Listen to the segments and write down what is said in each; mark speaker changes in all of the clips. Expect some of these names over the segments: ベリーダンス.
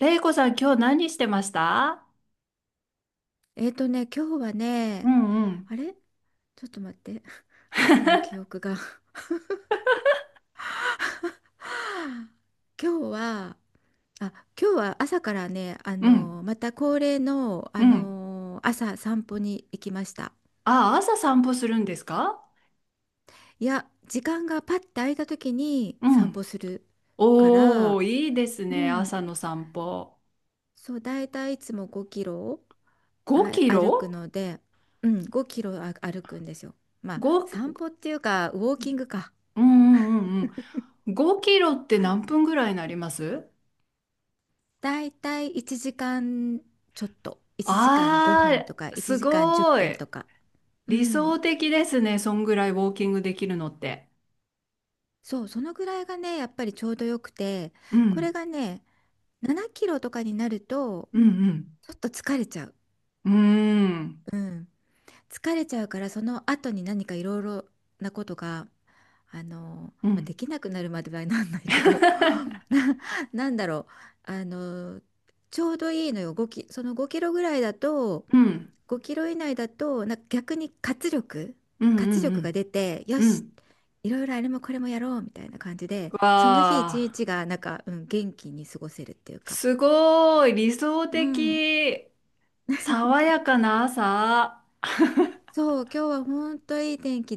Speaker 1: れいこさん、今日何してました？
Speaker 2: 今日は
Speaker 1: う
Speaker 2: ね、
Speaker 1: んうん。
Speaker 2: あれ、ちょっと待って。朝の記 憶が。 今日は、あ、今日は朝からね、
Speaker 1: うん
Speaker 2: また恒例の、
Speaker 1: うん。
Speaker 2: 朝散歩に行きました。
Speaker 1: あ、朝散歩するんですか？
Speaker 2: いや、時間がパッて空いた時に
Speaker 1: う
Speaker 2: 散歩
Speaker 1: ん。
Speaker 2: するから、
Speaker 1: おー、いいです
Speaker 2: う
Speaker 1: ね。
Speaker 2: ん、
Speaker 1: 朝の散歩。
Speaker 2: そう、だいたいいつも5キロ
Speaker 1: 5
Speaker 2: は
Speaker 1: キ
Speaker 2: 歩く
Speaker 1: ロ
Speaker 2: ので、うん、5キロ歩くんですよ。まあ、
Speaker 1: ?5、
Speaker 2: 散歩っていうか、ウォーキングか。
Speaker 1: うんうんうんうん。5キロって何分ぐらいになります？
Speaker 2: だいたい1時間ちょっと、1時間5分
Speaker 1: あ
Speaker 2: とか
Speaker 1: ー、
Speaker 2: 1
Speaker 1: す
Speaker 2: 時間10
Speaker 1: ご
Speaker 2: 分
Speaker 1: い。
Speaker 2: とか。う
Speaker 1: 理想
Speaker 2: ん。
Speaker 1: 的ですね。そんぐらいウォーキングできるのって。
Speaker 2: そう、そのぐらいがね、やっぱりちょうどよくて、
Speaker 1: う
Speaker 2: こ
Speaker 1: ん、
Speaker 2: れがね、7キロとかになると、
Speaker 1: うん、
Speaker 2: ちょっと疲れちゃう。
Speaker 1: うん。うーん、
Speaker 2: うん。疲れちゃうから、その後に何かいろいろなことが、
Speaker 1: う
Speaker 2: まあ、で
Speaker 1: ん。
Speaker 2: きなくなるまではなんないけど、な、なんだろう。ちょうどいいのよ。5キ、その5キロぐらいだと、
Speaker 1: うん、
Speaker 2: 5キロ以内だとなんか逆に活力
Speaker 1: うん、う
Speaker 2: 活力が
Speaker 1: ん、
Speaker 2: 出てよ
Speaker 1: うん。う
Speaker 2: し、
Speaker 1: ん。
Speaker 2: いろいろあれもこれもやろうみたいな感じで、
Speaker 1: わ
Speaker 2: その日一日
Speaker 1: あ、
Speaker 2: がなんか、うん、元気に過ごせるっていうか、
Speaker 1: すごい理想
Speaker 2: うん、
Speaker 1: 的。爽やかな朝。
Speaker 2: そう、今日は本当いい天気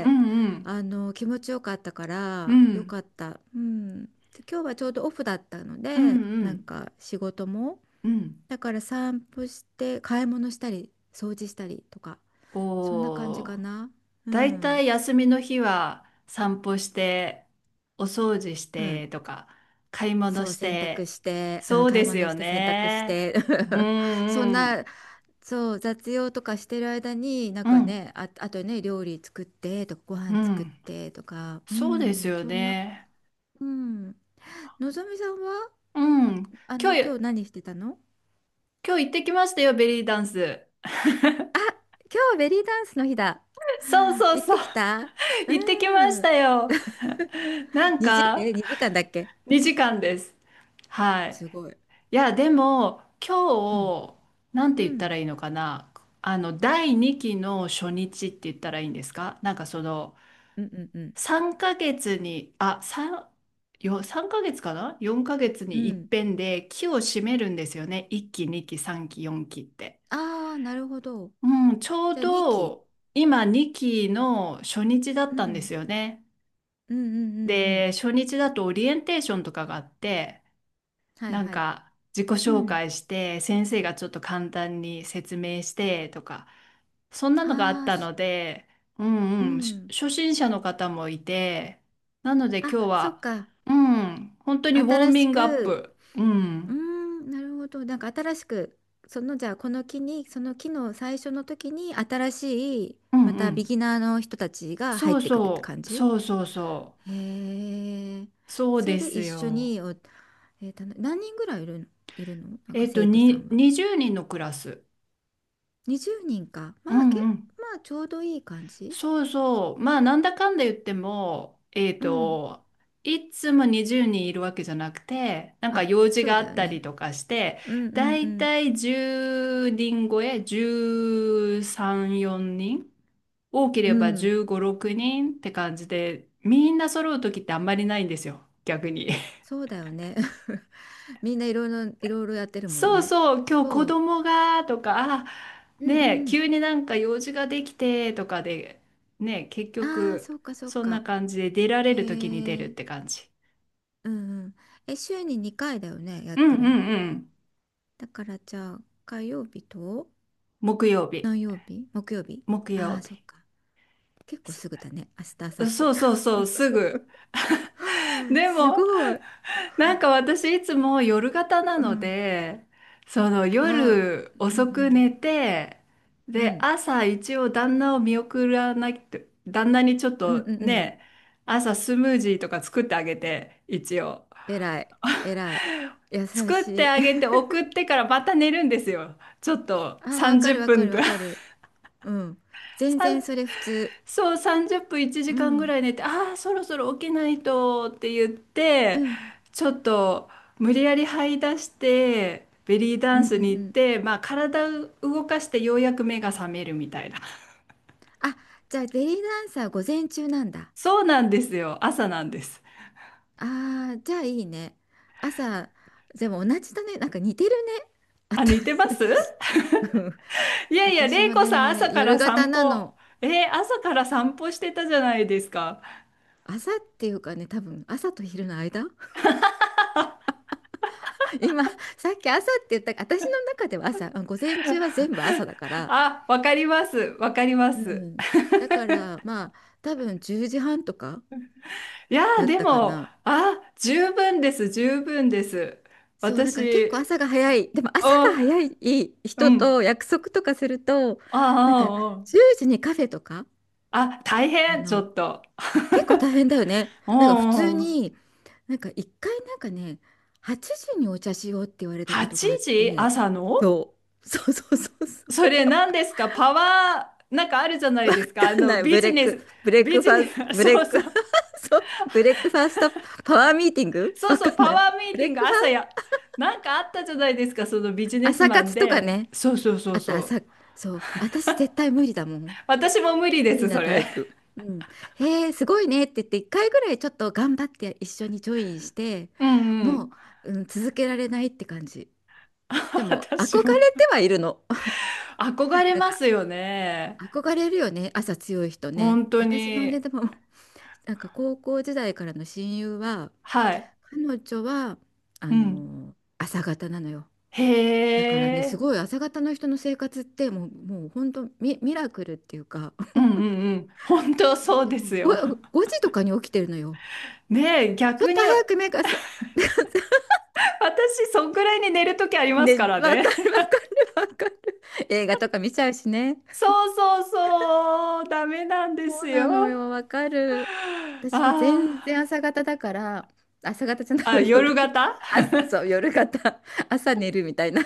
Speaker 1: うんうん。
Speaker 2: 気持ちよかったか
Speaker 1: う
Speaker 2: らよ
Speaker 1: ん。
Speaker 2: かった、うん、で、今日はちょうどオフだったの
Speaker 1: う
Speaker 2: で、
Speaker 1: んう
Speaker 2: なん
Speaker 1: ん
Speaker 2: か仕事も、
Speaker 1: うん。
Speaker 2: だから散歩して買い物したり掃除したりとか、そんな感じ
Speaker 1: おー。
Speaker 2: かな。う
Speaker 1: だいた
Speaker 2: ん。
Speaker 1: い休みの日は散歩して、お掃除し
Speaker 2: うん、
Speaker 1: てとか、買い物
Speaker 2: そう、
Speaker 1: し
Speaker 2: 洗濯
Speaker 1: て。
Speaker 2: して、う
Speaker 1: そ
Speaker 2: ん、
Speaker 1: う
Speaker 2: 買い
Speaker 1: です
Speaker 2: 物
Speaker 1: よ
Speaker 2: して洗濯し
Speaker 1: ね。
Speaker 2: て
Speaker 1: う
Speaker 2: そん
Speaker 1: んうん。
Speaker 2: な、そう、雑用とかしてる間に、なん
Speaker 1: う
Speaker 2: か
Speaker 1: ん
Speaker 2: ね、あ、あとね、料理作ってとか、ご
Speaker 1: う
Speaker 2: 飯作っ
Speaker 1: ん。
Speaker 2: てとか、う
Speaker 1: そうです
Speaker 2: ん、
Speaker 1: よ
Speaker 2: そんな、
Speaker 1: ね。
Speaker 2: うん。のぞみさんは、
Speaker 1: うん。今
Speaker 2: 今
Speaker 1: 日、
Speaker 2: 日何してたの？
Speaker 1: 今日行ってきましたよ、ベリーダンス。
Speaker 2: あ、今日ベリーダンスの日だ。
Speaker 1: そう そう
Speaker 2: 行っ
Speaker 1: そう。
Speaker 2: てきた？う
Speaker 1: 行ってきまし
Speaker 2: ん。
Speaker 1: たよ。なん
Speaker 2: 2時、
Speaker 1: か、
Speaker 2: 2時間だっけ？
Speaker 1: 2時間です。はい。
Speaker 2: すごい。
Speaker 1: いや、でも、
Speaker 2: うん。
Speaker 1: 今日、なん
Speaker 2: う
Speaker 1: て言った
Speaker 2: ん。
Speaker 1: らいいのかな。第2期の初日って言ったらいいんですか？なんか
Speaker 2: うんうんうん。
Speaker 1: 3ヶ月に、3ヶ月かな？ 4 ヶ月
Speaker 2: う
Speaker 1: に一
Speaker 2: ん。
Speaker 1: 遍で期を締めるんですよね。1期、2期、3期、4期って。
Speaker 2: ああ、なるほど。
Speaker 1: うん、ちょう
Speaker 2: じゃあ2期。
Speaker 1: ど、今2期の初日だっ
Speaker 2: う
Speaker 1: たんで
Speaker 2: ん。
Speaker 1: すよね。
Speaker 2: うんうんうんうん。
Speaker 1: で、初日だとオリエンテーションとかがあって、
Speaker 2: はい
Speaker 1: なん
Speaker 2: はい。
Speaker 1: か自己
Speaker 2: う
Speaker 1: 紹
Speaker 2: ん。
Speaker 1: 介して、先生がちょっと簡単に説明してとか、そんなのがあっ
Speaker 2: ああ、
Speaker 1: たの
Speaker 2: す。
Speaker 1: で、う
Speaker 2: う
Speaker 1: んうん、
Speaker 2: ん。
Speaker 1: 初心者の方もいて、なので
Speaker 2: あ、
Speaker 1: 今日
Speaker 2: そっ
Speaker 1: は、
Speaker 2: か。
Speaker 1: うん、本当にウォー
Speaker 2: 新
Speaker 1: ミ
Speaker 2: し
Speaker 1: ングアッ
Speaker 2: く、
Speaker 1: プ。う
Speaker 2: うー
Speaker 1: ん、
Speaker 2: ん、なるほど。なんか新しく、そのじゃあこの木に、その木の最初の時に新しい、
Speaker 1: う
Speaker 2: ま
Speaker 1: んう
Speaker 2: たビ
Speaker 1: ん。
Speaker 2: ギナーの人たちが入っ
Speaker 1: そう
Speaker 2: てくるって
Speaker 1: そ
Speaker 2: 感
Speaker 1: う、
Speaker 2: じ？
Speaker 1: そうそうそ
Speaker 2: へえ。
Speaker 1: う。そう
Speaker 2: そ
Speaker 1: で
Speaker 2: れで
Speaker 1: す
Speaker 2: 一緒
Speaker 1: よ。
Speaker 2: にお、何人ぐらいいるのなんか、生徒さんは？
Speaker 1: 20人のクラス。
Speaker 2: 20人か。ま
Speaker 1: う
Speaker 2: あ、け、
Speaker 1: んうん。
Speaker 2: まあちょうどいい感じ。
Speaker 1: そうそう。まあ、なんだかんだ言っても、
Speaker 2: うん。
Speaker 1: いつも20人いるわけじゃなくて、なんか
Speaker 2: あ、
Speaker 1: 用事
Speaker 2: そう
Speaker 1: があ
Speaker 2: だ
Speaker 1: っ
Speaker 2: よ
Speaker 1: たり
Speaker 2: ね。
Speaker 1: とかして、
Speaker 2: うんう
Speaker 1: だ
Speaker 2: んう
Speaker 1: い
Speaker 2: ん
Speaker 1: たい10人超え、13、4人、多け
Speaker 2: う
Speaker 1: れば
Speaker 2: ん、
Speaker 1: 15、6人って感じで、みんな揃う時ってあんまりないんですよ、逆に。
Speaker 2: そうだよね。みんないろいろ、いろいろやってるもん
Speaker 1: そう
Speaker 2: ね。
Speaker 1: そう、今日
Speaker 2: そ
Speaker 1: 子
Speaker 2: う。
Speaker 1: 供がとか、あ、
Speaker 2: うん
Speaker 1: ねえ、
Speaker 2: う
Speaker 1: 急
Speaker 2: ん。
Speaker 1: になんか用事ができてとかで、ねえ、結
Speaker 2: ああ、
Speaker 1: 局、
Speaker 2: そうかそう
Speaker 1: そんな
Speaker 2: か。
Speaker 1: 感じで出ら
Speaker 2: へ
Speaker 1: れる時に出るっ
Speaker 2: え。
Speaker 1: て感じ。
Speaker 2: うんうん。え、週に2回だよね、やっ
Speaker 1: うん
Speaker 2: て
Speaker 1: う
Speaker 2: るの？
Speaker 1: んうん。
Speaker 2: だからじゃあ、火曜日と
Speaker 1: 木曜日。
Speaker 2: 何曜日？木曜日？
Speaker 1: 木
Speaker 2: あ
Speaker 1: 曜
Speaker 2: あー、そっ
Speaker 1: 日。
Speaker 2: か。結構すぐだね。明日、明
Speaker 1: そ
Speaker 2: 後
Speaker 1: そ
Speaker 2: 日。
Speaker 1: うそうそう、すぐ。で
Speaker 2: す
Speaker 1: も、
Speaker 2: ごい。
Speaker 1: なんか私いつも夜型な
Speaker 2: う
Speaker 1: の
Speaker 2: ん。
Speaker 1: で、その
Speaker 2: ああ、
Speaker 1: 夜
Speaker 2: うんう
Speaker 1: 遅く
Speaker 2: ん。
Speaker 1: 寝て、
Speaker 2: う
Speaker 1: で、
Speaker 2: ん。
Speaker 1: 朝一応旦那を見送らなきゃ、旦那にちょっ
Speaker 2: うん
Speaker 1: と
Speaker 2: うんうん。
Speaker 1: ね、朝スムージーとか作ってあげて、一応。
Speaker 2: 偉い。偉い。優
Speaker 1: 作っ
Speaker 2: し
Speaker 1: て
Speaker 2: い。
Speaker 1: あげて送っ てからまた寝るんですよ。ちょっと
Speaker 2: ああ、わか
Speaker 1: 30
Speaker 2: るわか
Speaker 1: 分
Speaker 2: る
Speaker 1: と
Speaker 2: わ
Speaker 1: か。
Speaker 2: かる。うん。全
Speaker 1: さん
Speaker 2: 然それ普通。
Speaker 1: そう、30分1
Speaker 2: う
Speaker 1: 時間ぐ
Speaker 2: ん。
Speaker 1: らい寝て、ああ、そろそろ起きないとって言っ
Speaker 2: う
Speaker 1: て、
Speaker 2: ん。
Speaker 1: ちょっと無理やり這い出して、ベリー
Speaker 2: う
Speaker 1: ダン
Speaker 2: んうん
Speaker 1: スに
Speaker 2: う
Speaker 1: 行っ
Speaker 2: ん。
Speaker 1: て、まあ体を動かしてようやく目が覚めるみたいな。
Speaker 2: あ、じゃあベリーダンサー午前中なんだ。
Speaker 1: そうなんですよ。朝なんです。
Speaker 2: ああ、じゃあいいね。朝、でも同じだね。なんか似てるね。あ
Speaker 1: あ、
Speaker 2: た
Speaker 1: 似てます。
Speaker 2: うん、
Speaker 1: いやいや、
Speaker 2: 私
Speaker 1: 玲
Speaker 2: も
Speaker 1: 子さん朝
Speaker 2: ね、
Speaker 1: か
Speaker 2: 夜
Speaker 1: ら
Speaker 2: 型
Speaker 1: 散
Speaker 2: な
Speaker 1: 歩。
Speaker 2: の。
Speaker 1: 朝から散歩してたじゃないですか。
Speaker 2: 朝っていうかね、多分朝と昼の間。今、さっき朝って言った、私の中では朝、あ、午前中は全部朝だから。
Speaker 1: あ、わかります。わかりま
Speaker 2: う
Speaker 1: す。
Speaker 2: ん。だから、まあ、多分10時半とか
Speaker 1: いや
Speaker 2: だ
Speaker 1: ー、
Speaker 2: っ
Speaker 1: で
Speaker 2: たか
Speaker 1: も、
Speaker 2: な。
Speaker 1: あ、十分です。十分です。
Speaker 2: そう、だから結構
Speaker 1: 私、
Speaker 2: 朝が早い。でも
Speaker 1: お、
Speaker 2: 朝が早い
Speaker 1: う
Speaker 2: 人
Speaker 1: ん。
Speaker 2: と約束とかすると、なんか
Speaker 1: あ
Speaker 2: 10時にカフェとか、
Speaker 1: あ、ああ、あ、大
Speaker 2: あ
Speaker 1: 変、ち
Speaker 2: の、
Speaker 1: ょっと。
Speaker 2: 結構大変だよね。
Speaker 1: お
Speaker 2: なんか普通
Speaker 1: うおう、
Speaker 2: に、なんか一回なんかね、8時にお茶しようって言われたこと
Speaker 1: 8
Speaker 2: があっ
Speaker 1: 時
Speaker 2: て、
Speaker 1: 朝の？
Speaker 2: そう、そうそうそう
Speaker 1: そ
Speaker 2: そ
Speaker 1: れ何ですか、パワー、なんかあるじゃな
Speaker 2: う。
Speaker 1: い
Speaker 2: わ
Speaker 1: ですか。
Speaker 2: かんない。
Speaker 1: ビジネス、
Speaker 2: ブレッ
Speaker 1: ビ
Speaker 2: クフ
Speaker 1: ジ
Speaker 2: ァ
Speaker 1: ネ
Speaker 2: ースト、
Speaker 1: ス、
Speaker 2: ブ レ
Speaker 1: そう
Speaker 2: ッ
Speaker 1: そ
Speaker 2: ク、
Speaker 1: う、
Speaker 2: そう、ブレックファーストパワーミーティング、
Speaker 1: そう
Speaker 2: わか
Speaker 1: そう、
Speaker 2: ん
Speaker 1: パ
Speaker 2: ない。
Speaker 1: ワーミー
Speaker 2: ブ
Speaker 1: テ
Speaker 2: レ
Speaker 1: ィン
Speaker 2: ッ
Speaker 1: グ
Speaker 2: クファ
Speaker 1: 朝や、
Speaker 2: ー、
Speaker 1: なんかあったじゃないですか、そのビジネス
Speaker 2: 朝
Speaker 1: マン
Speaker 2: 活とか
Speaker 1: で。
Speaker 2: ね。
Speaker 1: そうそうそう
Speaker 2: あと
Speaker 1: そう。
Speaker 2: 朝、そう、私絶対無理だもん。
Speaker 1: 私も無理
Speaker 2: 無
Speaker 1: で
Speaker 2: 理
Speaker 1: す、そ
Speaker 2: なタ
Speaker 1: れ。
Speaker 2: イプ。うん。へえ、すごいねって言って、1回ぐらいちょっと頑張って一緒にジョインして、
Speaker 1: うんう
Speaker 2: も
Speaker 1: ん。
Speaker 2: う、うん、続けられないって感じ。で も、憧
Speaker 1: 私
Speaker 2: れ
Speaker 1: も。
Speaker 2: てはいるの。
Speaker 1: 憧 れ
Speaker 2: なん
Speaker 1: ま
Speaker 2: か、
Speaker 1: すよね。
Speaker 2: 憧れるよね、朝強い人ね。
Speaker 1: 本当
Speaker 2: 私のね、
Speaker 1: に。
Speaker 2: でも、なんか高校時代からの親友は、
Speaker 1: はい。
Speaker 2: 彼女は、
Speaker 1: うん。
Speaker 2: 朝方なのよ。
Speaker 1: へ
Speaker 2: だからね、す
Speaker 1: え。
Speaker 2: ごい朝方の人の生活ってもう、もう本当ミラクルっていうか、
Speaker 1: うんうんうん。本当
Speaker 2: だっ
Speaker 1: そう
Speaker 2: て
Speaker 1: で
Speaker 2: もう
Speaker 1: す
Speaker 2: 5、
Speaker 1: よ。
Speaker 2: 5時とかに起きてるのよ。
Speaker 1: ねえ、
Speaker 2: ちょっ
Speaker 1: 逆
Speaker 2: と
Speaker 1: に、私、
Speaker 2: 早く目がす、
Speaker 1: そんくらいに寝るときありますか
Speaker 2: ね、
Speaker 1: ら
Speaker 2: わか
Speaker 1: ね。
Speaker 2: る わかるわかる。映画とか見ちゃうしね。
Speaker 1: そうそうそう。ダメなんで
Speaker 2: そ
Speaker 1: す
Speaker 2: う
Speaker 1: よ。
Speaker 2: なのよ、わかる。
Speaker 1: あ
Speaker 2: 私も全
Speaker 1: ー
Speaker 2: 然朝方だから、朝方じゃない
Speaker 1: あ、
Speaker 2: わ、
Speaker 1: 夜
Speaker 2: 夜。
Speaker 1: 型
Speaker 2: あ、そう、夜型。朝寝るみたいな。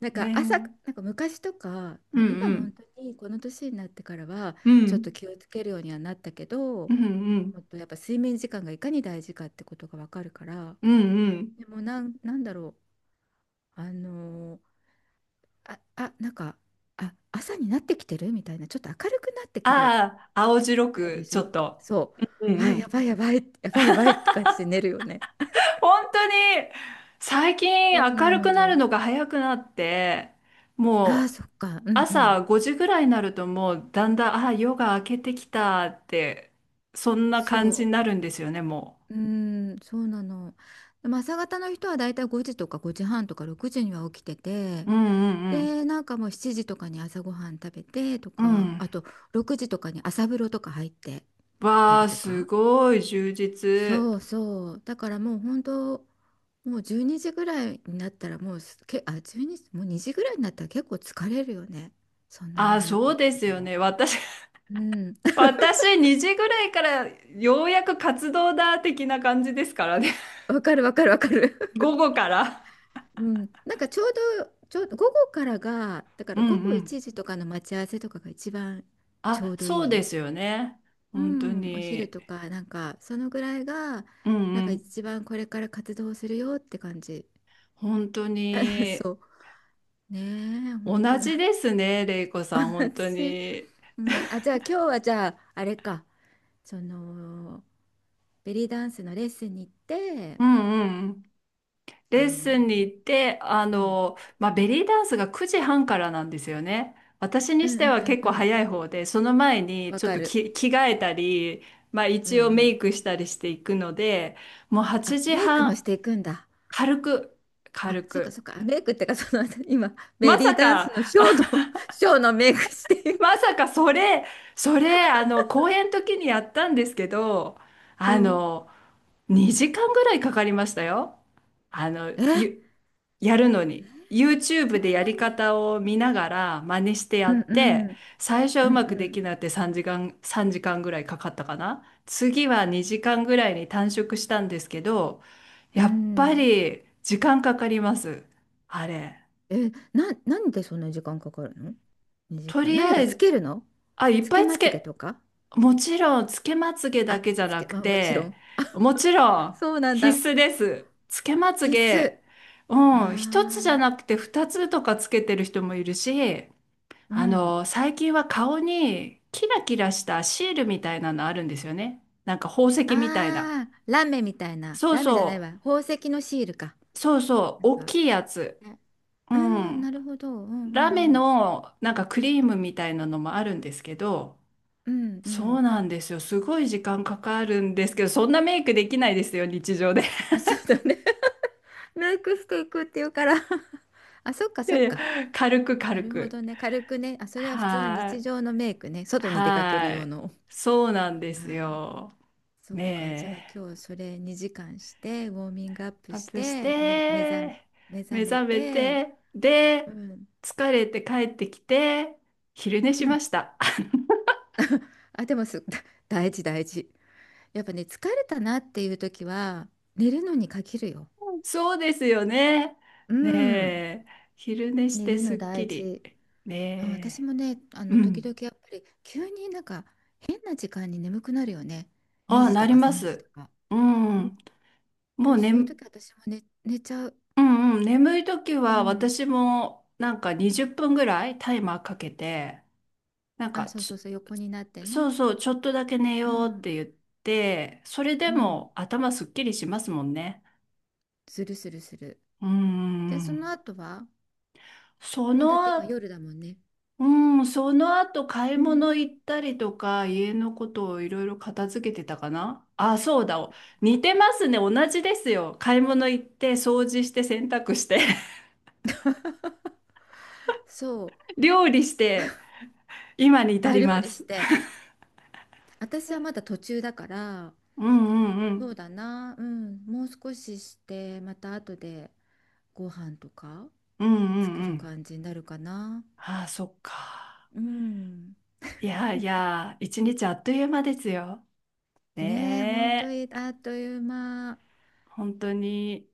Speaker 2: なん
Speaker 1: ね
Speaker 2: か朝、
Speaker 1: え。
Speaker 2: なんか昔とか、
Speaker 1: う
Speaker 2: まあ、今本
Speaker 1: ん
Speaker 2: 当にこの年になってからは、
Speaker 1: うん。う
Speaker 2: ちょっと
Speaker 1: ん。
Speaker 2: 気をつけるようにはなったけ
Speaker 1: う
Speaker 2: ど、
Speaker 1: んう
Speaker 2: もっ
Speaker 1: ん。
Speaker 2: とやっぱ睡眠時間がいかに大事かってことがわかるから、
Speaker 1: うんうん。
Speaker 2: でもなんだろう。あのーあ、あ、なんか、あ、朝になってきてるみたいな、ちょっと明るくなってくる。
Speaker 1: ああ、青白
Speaker 2: あれで
Speaker 1: く、
Speaker 2: し
Speaker 1: ちょっ
Speaker 2: ょ？
Speaker 1: と。
Speaker 2: そ
Speaker 1: うん
Speaker 2: う。
Speaker 1: う
Speaker 2: あ、や
Speaker 1: ん。
Speaker 2: ばいやばい、やばいやばいって感じで寝るよね。
Speaker 1: 本当に、最近
Speaker 2: そう
Speaker 1: 明
Speaker 2: な
Speaker 1: る
Speaker 2: の
Speaker 1: くなる
Speaker 2: よ。
Speaker 1: のが早くなって、
Speaker 2: ああ、
Speaker 1: もう
Speaker 2: そっか。うんうん。
Speaker 1: 朝5時ぐらいになるともうだんだん、ああ、夜が明けてきたって、そんな感じ
Speaker 2: そ
Speaker 1: になるんですよね、も
Speaker 2: う。うーん、そうなの。でも朝方の人はだいたい5時とか5時半とか6時には起きてて、
Speaker 1: う。うんうん
Speaker 2: で、なんかもう7時とかに朝ごはん食べてと
Speaker 1: うん。う
Speaker 2: か、あ
Speaker 1: ん。
Speaker 2: と6時とかに朝風呂とか入ってた
Speaker 1: わ
Speaker 2: り
Speaker 1: あ、
Speaker 2: と
Speaker 1: す
Speaker 2: か。
Speaker 1: ごい充実。
Speaker 2: そうそう。だからもう本当、もう12時ぐらいになったらもうす、け、12、もう2時ぐらいになったら結構疲れるよね。そんなに
Speaker 1: ああ、
Speaker 2: 早く
Speaker 1: そう
Speaker 2: 起き
Speaker 1: で
Speaker 2: て
Speaker 1: す
Speaker 2: た
Speaker 1: よ
Speaker 2: ら。
Speaker 1: ね。私、
Speaker 2: うん。
Speaker 1: 私2時ぐらいからようやく活動だ的な感じですからね。
Speaker 2: わかるわかるわかる。
Speaker 1: 午後から。
Speaker 2: うん。なんかちょうど午後からが、だか
Speaker 1: う
Speaker 2: ら
Speaker 1: ん
Speaker 2: 午
Speaker 1: う
Speaker 2: 後
Speaker 1: ん。
Speaker 2: 1時とかの待ち合わせとかが一番ちょ
Speaker 1: あ、
Speaker 2: うどい
Speaker 1: そうで
Speaker 2: い。
Speaker 1: すよね。
Speaker 2: う
Speaker 1: 本当
Speaker 2: ん。お昼
Speaker 1: に。
Speaker 2: とか、なんかそのぐらいが、
Speaker 1: うん
Speaker 2: なん
Speaker 1: う
Speaker 2: か
Speaker 1: ん。
Speaker 2: 一番これから活動するよって感じ。
Speaker 1: 本当 に。
Speaker 2: そう。ねえ、
Speaker 1: 同
Speaker 2: 本当な
Speaker 1: じ
Speaker 2: ん
Speaker 1: で
Speaker 2: だっ
Speaker 1: す
Speaker 2: け。
Speaker 1: ね、レイコさん、本当
Speaker 2: 私、
Speaker 1: に。
Speaker 2: うん、あ、じゃあ今日はじゃああれか、そのベリーダンスのレッスンに行って、
Speaker 1: うんうん。レッ
Speaker 2: あ
Speaker 1: ス
Speaker 2: の、
Speaker 1: ンに行って、
Speaker 2: うん、
Speaker 1: まあ、ベリーダンスが9時半からなんですよね。私
Speaker 2: う
Speaker 1: にし
Speaker 2: んう
Speaker 1: ては
Speaker 2: んうん
Speaker 1: 結
Speaker 2: う
Speaker 1: 構
Speaker 2: ん、
Speaker 1: 早い方で、その前に
Speaker 2: わ
Speaker 1: ちょっ
Speaker 2: か
Speaker 1: と
Speaker 2: る。
Speaker 1: き着替えたり、まあ、
Speaker 2: うんう
Speaker 1: 一応メ
Speaker 2: ん。
Speaker 1: イクしたりしていくので、もう
Speaker 2: あ、
Speaker 1: 8
Speaker 2: メイク
Speaker 1: 時
Speaker 2: もし
Speaker 1: 半、
Speaker 2: ていくんだ。
Speaker 1: 軽く、
Speaker 2: あ、
Speaker 1: 軽
Speaker 2: そうか
Speaker 1: く。
Speaker 2: そうか。メイクってかその今
Speaker 1: ま
Speaker 2: ベリ
Speaker 1: さ
Speaker 2: ーダンス
Speaker 1: か。
Speaker 2: のショーの ショーのメイクしてい
Speaker 1: ま
Speaker 2: く。
Speaker 1: さかそれ、公演の時にやったんですけど、
Speaker 2: う
Speaker 1: あ
Speaker 2: ん。
Speaker 1: の、2時間ぐらいかかりましたよ。あの、
Speaker 2: え、
Speaker 1: ゆ、やるのに。YouTube
Speaker 2: そ
Speaker 1: で
Speaker 2: ん
Speaker 1: や
Speaker 2: な
Speaker 1: り
Speaker 2: に。
Speaker 1: 方を見ながら真似してや
Speaker 2: うん
Speaker 1: っ
Speaker 2: う
Speaker 1: て、
Speaker 2: ん
Speaker 1: 最初は
Speaker 2: う
Speaker 1: う
Speaker 2: ん
Speaker 1: まく
Speaker 2: う
Speaker 1: でき
Speaker 2: ん。
Speaker 1: なくて3時間ぐらいかかったかな。次は2時間ぐらいに短縮したんですけど、
Speaker 2: う
Speaker 1: やっぱ
Speaker 2: ん。
Speaker 1: り時間かかります。あれ。
Speaker 2: え、なんでそんな時間かかるの？2
Speaker 1: と
Speaker 2: 時間。
Speaker 1: り
Speaker 2: 何
Speaker 1: あ
Speaker 2: が
Speaker 1: え
Speaker 2: つ
Speaker 1: ず、
Speaker 2: けるの？
Speaker 1: あ、いっ
Speaker 2: つ
Speaker 1: ぱ
Speaker 2: け
Speaker 1: い
Speaker 2: ま
Speaker 1: つ
Speaker 2: つげと
Speaker 1: け、
Speaker 2: か？
Speaker 1: もちろん、つけまつげだ
Speaker 2: あ、
Speaker 1: けじゃ
Speaker 2: つ
Speaker 1: な
Speaker 2: け、
Speaker 1: く
Speaker 2: まあもちろ
Speaker 1: て、
Speaker 2: ん。
Speaker 1: もちろん
Speaker 2: そうなんだ。
Speaker 1: 必須です。つけまつ
Speaker 2: 必須。
Speaker 1: げ、うん、一つじゃ
Speaker 2: ああ、
Speaker 1: なくて二つとかつけてる人もいるし、
Speaker 2: うん。
Speaker 1: 最近は顔にキラキラしたシールみたいなのあるんですよね。なんか宝石みたいな。
Speaker 2: ああ、ラメみたいな。
Speaker 1: そう
Speaker 2: ラメじゃない
Speaker 1: そ
Speaker 2: わ。宝石のシールか。
Speaker 1: う、そうそ
Speaker 2: な
Speaker 1: う、
Speaker 2: ん
Speaker 1: 大
Speaker 2: か、
Speaker 1: きいやつ。
Speaker 2: ね、
Speaker 1: う
Speaker 2: うん、な
Speaker 1: ん。
Speaker 2: るほど。うんう
Speaker 1: ラメ
Speaker 2: んうん。
Speaker 1: のなんかクリームみたいなのもあるんですけど、
Speaker 2: うんう
Speaker 1: そう
Speaker 2: ん。
Speaker 1: なんですよ。すごい時間かかるんですけど、そんなメイクできないですよ、日常で。
Speaker 2: あ、そうだね。メイクしていくっていうから あ、そっか
Speaker 1: い
Speaker 2: そ
Speaker 1: やい
Speaker 2: っか。
Speaker 1: や、軽く
Speaker 2: な
Speaker 1: 軽
Speaker 2: るほ
Speaker 1: く。
Speaker 2: どね。軽くね。あ、それは普通の
Speaker 1: は
Speaker 2: 日
Speaker 1: い。
Speaker 2: 常のメイクね。外に出かける
Speaker 1: は
Speaker 2: 用
Speaker 1: い。
Speaker 2: の。
Speaker 1: そうなんで
Speaker 2: あ
Speaker 1: す
Speaker 2: ー、
Speaker 1: よ。
Speaker 2: そっか、じゃあ
Speaker 1: ね
Speaker 2: 今
Speaker 1: え。
Speaker 2: 日それ2時間して、ウォーミングアップ
Speaker 1: アッ
Speaker 2: し
Speaker 1: プし
Speaker 2: て、目、目覚、
Speaker 1: て、
Speaker 2: 目覚
Speaker 1: 目
Speaker 2: め
Speaker 1: 覚め
Speaker 2: て、
Speaker 1: て、
Speaker 2: う
Speaker 1: で、
Speaker 2: ん、
Speaker 1: 疲れて帰ってきて、昼寝
Speaker 2: う
Speaker 1: し
Speaker 2: ん。
Speaker 1: ました。
Speaker 2: あ、でもす、大事大事。やっぱね、疲れたなっていう時は、寝るのに限るよ。
Speaker 1: そうですよね。
Speaker 2: う
Speaker 1: ね
Speaker 2: ん。
Speaker 1: え。昼寝し
Speaker 2: 寝
Speaker 1: て
Speaker 2: る
Speaker 1: す
Speaker 2: の
Speaker 1: っき
Speaker 2: 大
Speaker 1: り。
Speaker 2: 事。あ、私
Speaker 1: ね
Speaker 2: もね、
Speaker 1: え。う
Speaker 2: 時
Speaker 1: ん。
Speaker 2: 々やっぱり、急になんか、変な時間に眠くなるよね。2
Speaker 1: ああ、
Speaker 2: 時
Speaker 1: な
Speaker 2: と
Speaker 1: り
Speaker 2: か
Speaker 1: ま
Speaker 2: 3時と
Speaker 1: す。
Speaker 2: か。
Speaker 1: う
Speaker 2: うん、
Speaker 1: ん。
Speaker 2: で
Speaker 1: もう
Speaker 2: も
Speaker 1: ね、
Speaker 2: そういう時私も寝ちゃう。
Speaker 1: うんうん、眠い時
Speaker 2: う
Speaker 1: は
Speaker 2: ん。
Speaker 1: 私もなんか20分ぐらいタイマーかけて、なん
Speaker 2: あ、
Speaker 1: か
Speaker 2: そうそう
Speaker 1: ち
Speaker 2: そう、横になって
Speaker 1: そ
Speaker 2: ね。
Speaker 1: うそう、ちょっとだけ寝
Speaker 2: う
Speaker 1: ようっ
Speaker 2: ん、
Speaker 1: て言って、それで
Speaker 2: うん。
Speaker 1: も頭すっきりしますもんね。
Speaker 2: するするする。
Speaker 1: うー
Speaker 2: で、その
Speaker 1: ん。
Speaker 2: 後は、
Speaker 1: そ
Speaker 2: もうだって
Speaker 1: のあ、
Speaker 2: 今夜だもんね。
Speaker 1: うん、その後買い
Speaker 2: うん。
Speaker 1: 物行ったりとか、家のことをいろいろ片付けてたかなあ、そうだ。似てますね。同じですよ。買い物行って、掃除して、洗濯して、
Speaker 2: そう、
Speaker 1: 料理して、今に至
Speaker 2: あ、
Speaker 1: り
Speaker 2: 料
Speaker 1: ま
Speaker 2: 理し
Speaker 1: す。
Speaker 2: て。私はまだ途中だから、
Speaker 1: うんうんう
Speaker 2: そう
Speaker 1: ん。
Speaker 2: だな、うん、もう少しして、また後でご飯とか
Speaker 1: うんうん
Speaker 2: 作
Speaker 1: う
Speaker 2: る
Speaker 1: ん。
Speaker 2: 感じになるかな。
Speaker 1: ああ、そっか。
Speaker 2: うん。
Speaker 1: いやいや、一日あっという間ですよ。
Speaker 2: ねえ、本当
Speaker 1: ね
Speaker 2: に
Speaker 1: え、
Speaker 2: あっという間。
Speaker 1: 本当に。